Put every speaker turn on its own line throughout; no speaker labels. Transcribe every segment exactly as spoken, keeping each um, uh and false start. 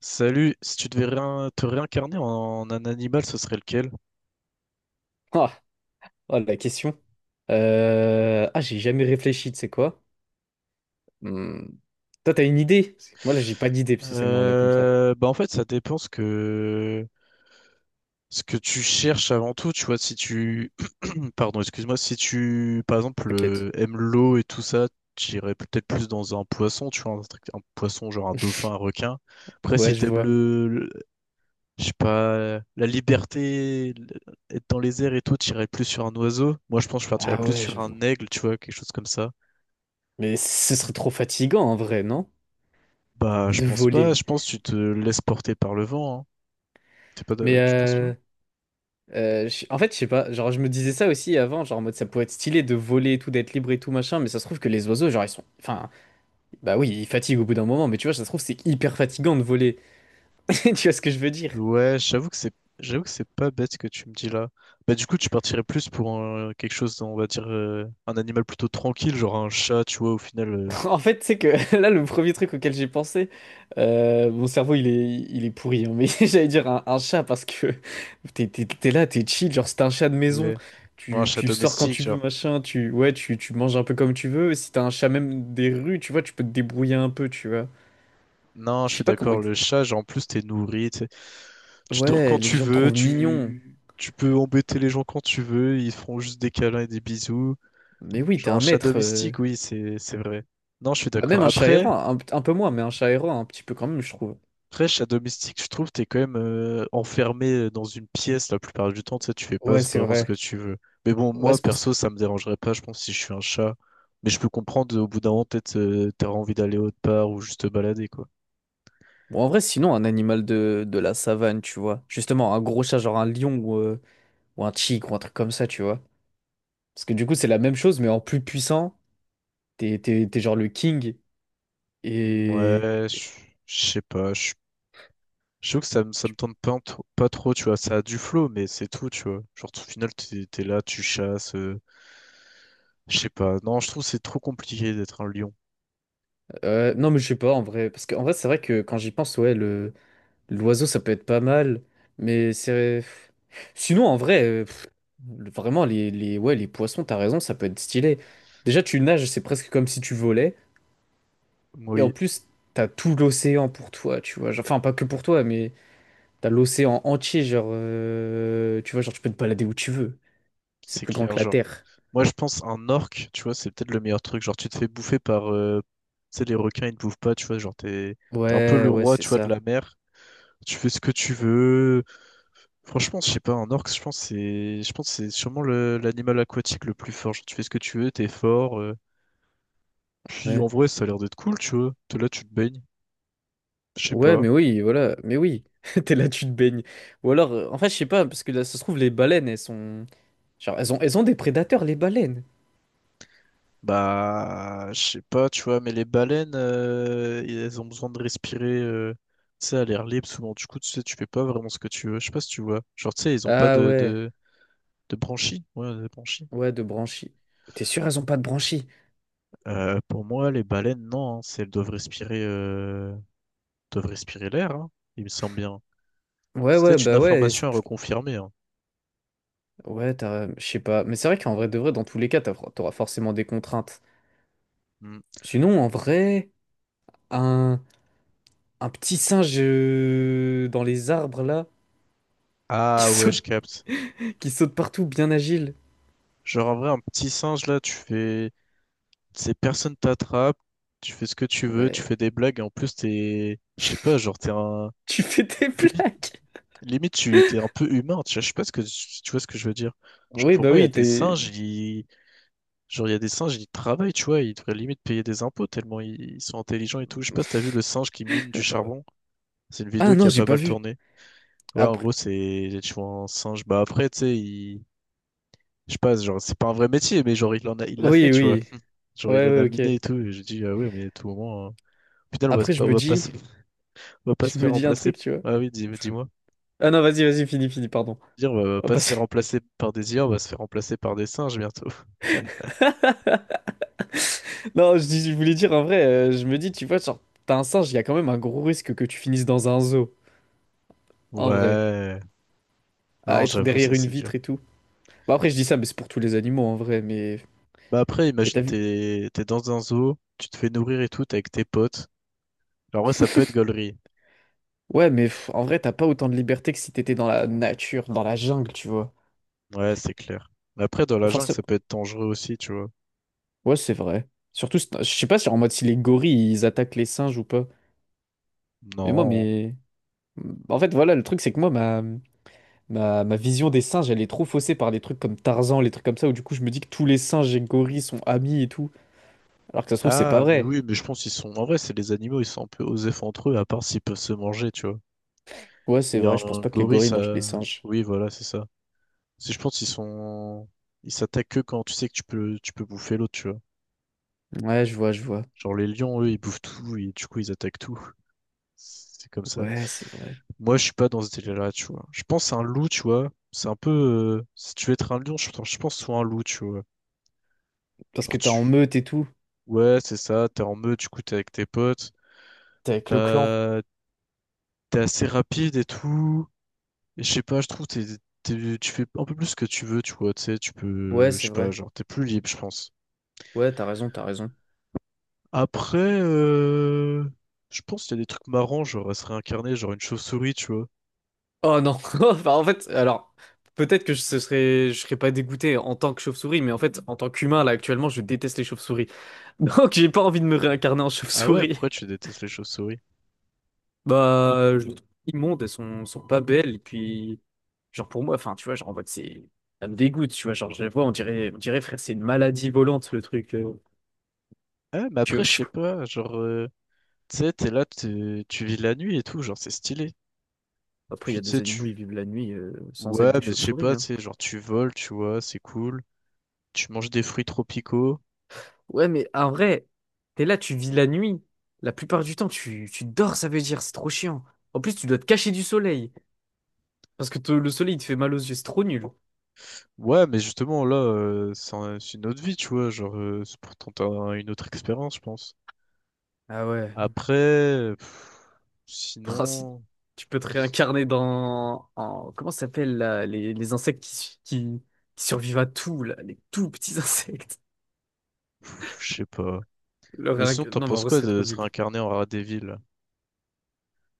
Salut, si tu devais réin- te réincarner en un animal, ce serait lequel?
Ah, oh, la question. Euh, Ah, j'ai jamais réfléchi, tu sais quoi? Hmm. Toi, t'as une idée? Parce que moi, là, j'ai pas d'idée, spécialement, là, comme ça.
Euh, bah en fait, ça dépend ce que ce que tu cherches avant tout. Tu vois, si tu pardon, excuse-moi, si tu par exemple
T'inquiète.
euh, aimes l'eau et tout ça, j'irais peut-être plus dans un poisson. Tu vois, un, truc- un poisson genre un dauphin, un requin. Après,
Ouais,
si
je
t'aimes
vois.
le, le- je sais pas, la liberté, le- être dans les airs et tout, t'irais plus sur un oiseau. Moi, je pense que je partirais
Ah
plus
ouais,
sur
je vois.
un aigle. Tu vois, quelque chose comme ça.
Mais ce serait trop fatigant, en vrai, non?
Bah, je
De
pense pas.
voler.
Je pense que tu te laisses porter par le vent. Hein. T'es pas
Mais
de- Tu penses pas?
euh, euh, je- En fait, je sais pas. Genre, je me disais ça aussi avant, genre, en mode, ça pourrait être stylé de voler et tout, d'être libre et tout, machin, mais ça se trouve que les oiseaux, genre, ils sont... Enfin, bah oui, ils fatiguent au bout d'un moment, mais tu vois, ça se trouve, c'est hyper fatigant de voler. Tu vois ce que je veux dire?
Ouais, j'avoue que c'est j'avoue que c'est pas bête ce que tu me dis là. Bah du coup, tu partirais plus pour un- quelque chose, on va dire euh, un animal plutôt tranquille, genre un chat, tu vois, au final euh,
En fait, tu sais que là, le premier truc auquel j'ai pensé, euh, mon cerveau, il est, il est pourri, hein, mais j'allais dire un, un chat parce que t'es, t'es- t'es là, t'es chill, genre c'est un chat de maison,
ouais. Ouais, un
tu,
chat
tu sors quand
domestique,
tu veux,
genre.
machin, tu, ouais, tu, tu manges un peu comme tu veux, si t'as un chat même des rues, tu vois, tu peux te débrouiller un peu, tu vois.
Non, je
Je
suis
sais pas comment...
d'accord,
ex-
le chat, genre en plus t'es nourri. Tu dors
Ouais,
quand
les
tu
gens te
veux,
trouvent mignon,
tu, tu peux embêter les gens quand tu veux, ils feront juste des câlins et des bisous.
mais oui, t'es
Genre un
un
chat
maître. euh.
domestique, oui, c'est c'est vrai. Non, je suis
Bah, même
d'accord.
un chat
Après,
errant, un, un peu moins, mais un chat errant, un petit peu quand même, je trouve.
après, chat domestique, je trouve, t'es quand même euh, enfermé euh, dans une pièce la plupart du temps, tu sais, tu fais pas
Ouais, c'est
vraiment ce
vrai.
que tu veux. Mais bon,
Ouais,
moi,
c'est pour...
perso, ça me dérangerait pas, je pense, si je suis un chat. Mais je peux comprendre, au bout d'un moment, peut-être, euh, t'auras envie d'aller autre part ou juste te balader, quoi.
Bon, en vrai, sinon, un animal de, de la savane, tu vois. Justement, un gros chat, genre un lion ou, euh, ou un tigre ou un truc comme ça, tu vois. Parce que du coup, c'est la même chose, mais en plus puissant. T'es, t'es, t'es genre le king. Et.
Ouais, je je sais pas, je suis je trouve que ça me, ça me tente pas, en tro- pas trop, tu vois. Ça a du flow, mais c'est tout, tu vois. Genre, au final, t'es, t'es là, tu chasses. euh, je sais pas. Non, je trouve que c'est trop compliqué d'être un lion.
Euh, non, mais je sais pas, en vrai. Parce qu'en vrai, c'est vrai que quand j'y pense, ouais, le, l'oiseau, ça peut être pas mal. Mais c'est. Sinon, en vrai, euh, pff, le- vraiment, les, les, ouais, les poissons, t'as raison, ça peut être stylé. Déjà, tu nages, c'est presque comme si tu volais. Et en
Oui,
plus, t'as tout l'océan pour toi, tu vois. Enfin, pas que pour toi, mais. T'as l'océan entier, genre, euh, tu vois, genre, tu peux te balader où tu veux. C'est
c'est
plus grand
clair.
que la
Genre,
Terre.
moi, je pense un orque, tu vois, c'est peut-être le meilleur truc. Genre, tu te fais bouffer par. euh, tu sais, les requins, ils te bouffent pas, tu vois. Genre, t'es, t'es un peu le
Ouais, ouais,
roi,
c'est
tu vois, de
ça.
la mer. Tu fais ce que tu veux. Franchement, je sais pas, un orc, je pense que c'est je pense que c'est sûrement le- l'animal aquatique le plus fort. Genre, tu fais ce que tu veux, t'es fort. euh. Puis en
Ouais.
vrai, ça a l'air d'être cool, tu vois. T'es là, tu te baignes. Je sais
Ouais,
pas.
mais oui, voilà, mais oui. T'es là, tu te baignes. Ou alors, euh, en fait, je sais pas, parce que là, ça se trouve, les baleines, elles sont. Genre, elles ont, elles ont des prédateurs, les baleines.
Bah, je sais pas, tu vois, mais les baleines, euh, elles ont besoin de respirer, euh, tu sais, à l'air libre souvent. Du coup, tu sais, tu fais pas vraiment ce que tu veux. Je sais pas si tu vois. Genre, tu sais, ils ont pas
Ah
de,
ouais,
de, de branchies. Ouais, de branchies.
ouais, de branchies. T'es sûr, elles ont pas de branchies?
Euh, pour moi, les baleines, non, hein. C'est- Elles doivent respirer, euh, doivent respirer l'air, hein. Il me semble bien.
Ouais,
C'est
ouais,
peut-être une
bah ouais. c'est-
information à
je-
reconfirmer, hein.
Ouais, t'as. Je sais pas. Mais c'est vrai qu'en vrai de vrai, dans tous les cas, t'as- t'auras forcément des contraintes.
Hmm.
Sinon, en vrai, un. Un petit singe euh, dans les arbres là, qui
Ah ouais, je
saute,
capte.
qui saute partout, bien agile.
Genre en vrai, un petit singe là, tu fais. Ces personnes t'attrapent, tu fais ce que tu veux, tu fais
Ouais.
des blagues, et en plus t'es. Je sais pas, genre t'es un.
Tu fais tes
Limite,
plaques.
limite tu t'es un peu humain, tu vois, je sais pas ce que si tu vois ce que je veux dire. Genre
Oui,
pour
bah
moi, il y a
oui,
des
t'es.
singes, ils... genre il y a des singes, ils travaillent, tu vois, ils devraient limite payer des impôts tellement ils, ils sont intelligents et tout. Je sais pas si t'as vu le singe qui mine du charbon. C'est une
Ah
vidéo qui
non,
a
j'ai
pas
pas
mal
vu.
tourné. Ouais, en
Après.
gros, c'est tu vois un singe. Bah après, tu sais, il je sais pas, genre, c'est pas un vrai métier, mais genre, il en a, il l'a fait,
Oui,
tu vois.
oui.
Genre, il
Ouais,
en a
ouais,
miné
ok.
et tout. Et j'ai dit, ah ouais, mais à tout moment, euh, au on va, se-
Après, je
on
me
va pas, se-
dis.
on va pas se
Je me
faire
dis un
remplacer.
truc, tu vois.
Ah oui, dis, dis-moi.
Ah non, vas-y, vas-y, fini fini pardon.
Dire, on va
Oh,
pas se
parce
faire
que-
remplacer par des I A, on va se faire remplacer par des singes bientôt.
Non, je, dis- Je voulais dire en vrai, euh, je me dis, tu vois, genre, t'as un singe, il y a quand même un gros risque que tu finisses dans un zoo, en vrai.
Ouais,
À
non,
être
j'avoue, ça
derrière une
c'est dur.
vitre et tout. Bah après, je dis ça, mais c'est pour tous les animaux en vrai, mais.
Bah après,
Mais t'as
imagine,
vu.
t'es t'es dans un zoo, tu te fais nourrir et tout, t'es avec tes potes. Alors ouais, ça peut être gaulerie.
Ouais, mais pff, en vrai, t'as pas autant de liberté que si t'étais dans la nature, dans la jungle, tu vois.
Ouais, c'est clair. Mais après, dans la
Et
jungle,
forcément...
ça peut être dangereux aussi, tu vois.
Ouais, c'est vrai. Surtout, c'est- je sais pas si en mode si les gorilles, ils attaquent les singes ou pas. Mais moi,
Non.
mais... En fait, voilà, le truc, c'est que moi, ma... Ma... ma vision des singes, elle est trop faussée par des trucs comme Tarzan, les trucs comme ça, où du coup, je me dis que tous les singes et gorilles sont amis et tout. Alors que ça se trouve, c'est pas
Ah, mais
vrai.
oui, mais je pense qu'ils sont. En vrai, c'est les animaux, ils sont un peu osef entre eux, à part s'ils peuvent se manger, tu vois.
Ouais, c'est
Et
vrai,
un
je pense pas que les
gorille,
gorilles mangent les
ça.
singes.
Oui, voilà, c'est ça. Si je pense qu'ils sont. Ils s'attaquent que quand tu sais que tu peux, tu peux bouffer l'autre, tu vois.
Ouais, je vois, je vois.
Genre, les lions, eux, ils bouffent tout, et du coup, ils attaquent tout. C'est comme ça.
Ouais, c'est vrai.
Moi, je suis pas dans ce délire-là, tu vois. Je pense à un loup, tu vois. C'est un peu. euh, Si tu veux être un lion, je pense je pense soit un loup, tu vois.
Parce que
Genre,
t'es
tu.
en meute et tout.
Ouais, c'est ça, t'es en meute, du coup, t'es avec tes potes.
T'es avec le clan.
T'as- T'es assez rapide et tout. Et je sais pas, je trouve que t'es- t'es- tu fais un peu plus ce que tu veux, tu vois, tu sais, tu
Ouais,
peux, je
c'est
sais pas,
vrai.
genre, t'es plus libre, je pense.
Ouais, t'as raison, t'as raison.
Après, euh, je pense qu'il y a des trucs marrants, genre, à se réincarner, genre une chauve-souris, tu vois.
Oh non, enfin, en fait, alors peut-être que je ce serais, je serais pas dégoûté en tant que chauve-souris, mais en fait, en tant qu'humain là actuellement, je déteste les chauves-souris. Donc j'ai pas envie de me réincarner en
Ah ouais,
chauve-souris.
pourquoi tu détestes les chauves-souris?
Bah, je les trouve immondes, elles sont, sont pas belles. Et puis, genre pour moi, enfin, tu vois, genre en mode c'est, ça me dégoûte, tu vois, genre je les vois, on dirait, on dirait frère, c'est une maladie volante le truc. euh.
Ah, mais
Tu vois,
après, je
je-
sais pas, genre, euh, tu sais, t'es là, t'es- tu vis la nuit et tout, genre, c'est stylé.
après, il y
Puis,
a
tu
des
sais, tu...
animaux, ils vivent la nuit euh, sans être
Ouais,
des
mais je sais
chauves-souris,
pas,
hein.
tu sais, genre, tu voles, tu vois, c'est cool. Tu manges des fruits tropicaux.
Ouais, mais en vrai, t'es là, tu vis la nuit. La plupart du temps, tu, tu dors, ça veut dire, c'est trop chiant. En plus, tu dois te cacher du soleil. Parce que te- le soleil, il te fait mal aux yeux, c'est trop nul.
Ouais, mais justement, là, euh, c'est un- c'est une autre vie, tu vois. Genre, euh, c'est pour tenter un- une autre expérience, je pense.
Ah ouais.
Après, euh, pff,
Ah, si-
sinon,
Tu peux te
qu'est-ce-
réincarner dans... En, comment ça s'appelle, là, les, les insectes qui, su- qui, qui survivent à tout, là, les tout petits insectes.
pff, je sais pas.
Le
Mais
réinc-
sinon, t'en
Non, mais en
penses
vrai, ce
quoi
serait trop
de se
nul.
réincarner en rat des villes?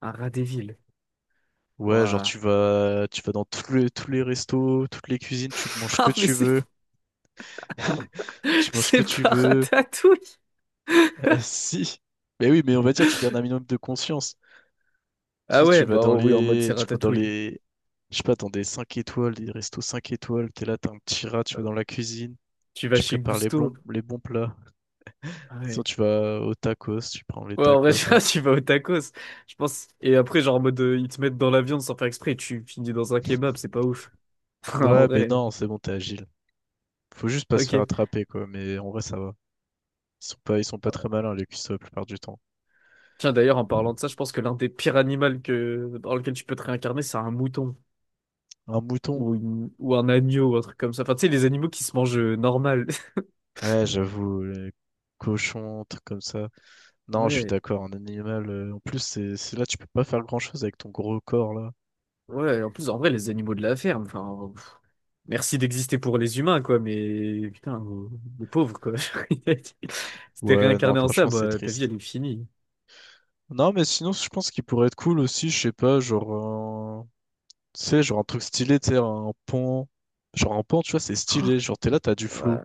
Un rat des villes.
Ouais, genre,
Ouah.
tu vas, tu vas dans tous les, tous les restos, toutes les cuisines, tu manges ce que
Ah, mais
tu
c'est
veux, tu manges ce que
c'est
tu
pas
veux.
Ratatouille.
Euh, si. Mais oui, mais on va dire, tu gardes un minimum de conscience. Tu
Ah
sais, tu
ouais,
vas
bah
dans
oui, en mode
les,
c'est
tu vas dans
Ratatouille.
les, je sais pas, dans des cinq étoiles, des restos cinq étoiles, t'es là, t'as un petit rat, tu vas dans la cuisine,
Tu vas
tu
chez
prépares les bons,
Gusto.
les bons plats.
Ah
Sinon,
ouais.
tu vas au tacos, tu prends les
Ouais, en vrai,
tacos,
déjà,
là.
tu vas au tacos, je pense. Et après, genre, en mode, euh, ils te mettent dans la viande sans faire exprès, tu finis dans un kebab, c'est pas ouf. En
Ouais, mais
vrai,
non, c'est bon, t'es agile. Faut juste pas se faire
ok.
attraper, quoi, mais en vrai, ça va. Ils sont pas, ils sont pas
Ouais.
très malins, les cuisses, la plupart du temps.
Tiens, d'ailleurs, en parlant de ça, je pense que l'un des pires animaux que... dans lequel tu peux te réincarner, c'est un mouton.
Un mouton?
Ou, une- ou un agneau, ou un truc comme ça. Enfin, tu sais, les animaux qui se mangent euh, normal.
Ouais, j'avoue, les cochons, un truc comme ça. Non, je suis
Ouais,
d'accord, un animal, euh, en plus, c'est, c'est là, tu peux pas faire grand-chose avec ton gros corps, là.
ouais, en plus, en vrai, les animaux de la ferme, enfin, pff, merci d'exister pour les humains, quoi, mais putain, euh, les pauvres, quoi. Si t'es
Ouais, non,
réincarné en ça,
franchement, c'est
bah, ta vie,
triste.
elle est finie.
Non, mais sinon, je pense qu'il pourrait être cool aussi, je sais pas, genre, un- tu sais, genre un truc stylé, tu sais, un pont. Genre un pont, tu vois, c'est
Oh,
stylé. Genre, t'es là, t'as du
ouais.
flow.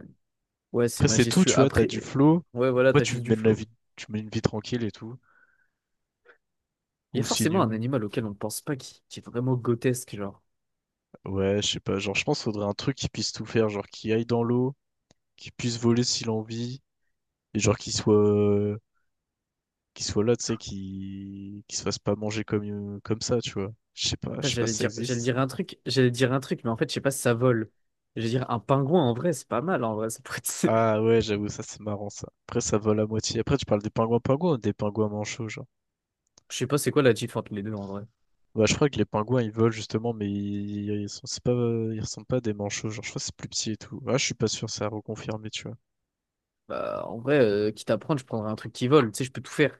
Ouais, c'est
Après, c'est tout, tu
majestueux.
vois, t'as
Après,
du flow.
ouais, voilà,
Après,
t'as
tu
juste du
mènes la
flow.
vie, tu mènes une vie tranquille et tout.
Il y a
Ou
forcément un
sinon,
animal auquel on ne pense pas qui, qui est vraiment grotesque, genre.
ouais, je sais pas, genre, je pense qu'il faudrait un truc qui puisse tout faire, genre, qui aille dans l'eau, qui puisse voler s'il en vit, et genre, qui soit, euh, qui soit là, tu sais, qui, qui se fasse pas manger comme, euh, comme ça, tu vois. Je sais pas, je
Ça,
sais pas
j'allais
si ça
dire, j'allais
existe.
dire un truc, j'allais dire un truc, mais en fait, je sais pas si ça vole. J'allais dire un pingouin, en vrai, c'est pas mal, en vrai. Ça pourrait être-
Ah ouais, j'avoue, ça c'est marrant ça. Après, ça vole à moitié. Après, tu parles des pingouins pingouins ou des pingouins manchots, genre.
Je sais pas c'est quoi la diff entre les deux, en vrai.
Bah, je crois que les pingouins ils volent justement, mais ils, ils sont, c'est pas, ils ressemblent pas à des manchots, genre. Je crois que c'est plus petit et tout. Ah, je suis pas sûr, c'est à reconfirmer, tu vois.
Bah, en vrai, euh, quitte à prendre, je prendrais un truc qui vole. Tu sais, je peux tout faire.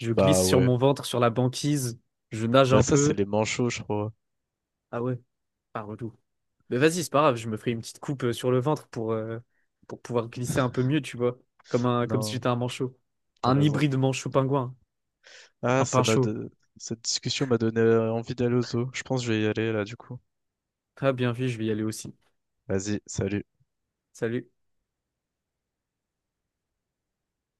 Je
Bah
glisse sur
ouais.
mon ventre, sur la banquise, je nage
Bah,
un
ça c'est
peu.
les manchots, je crois.
Ah ouais, ah, relou. Mais vas-y, c'est pas grave, je me ferai une petite coupe euh, sur le ventre pour, euh, pour pouvoir glisser un peu mieux, tu vois. Comme un, comme si
Non,
j'étais un manchot.
t'as
Un
raison.
hybride manchot-pingouin.
Ah,
Un
ça m'a
pinchot.
de... cette discussion m'a donné envie d'aller au zoo. Je pense que je vais y aller là, du coup.
Ah, bien vu, je vais y aller aussi.
Vas-y, salut.
Salut.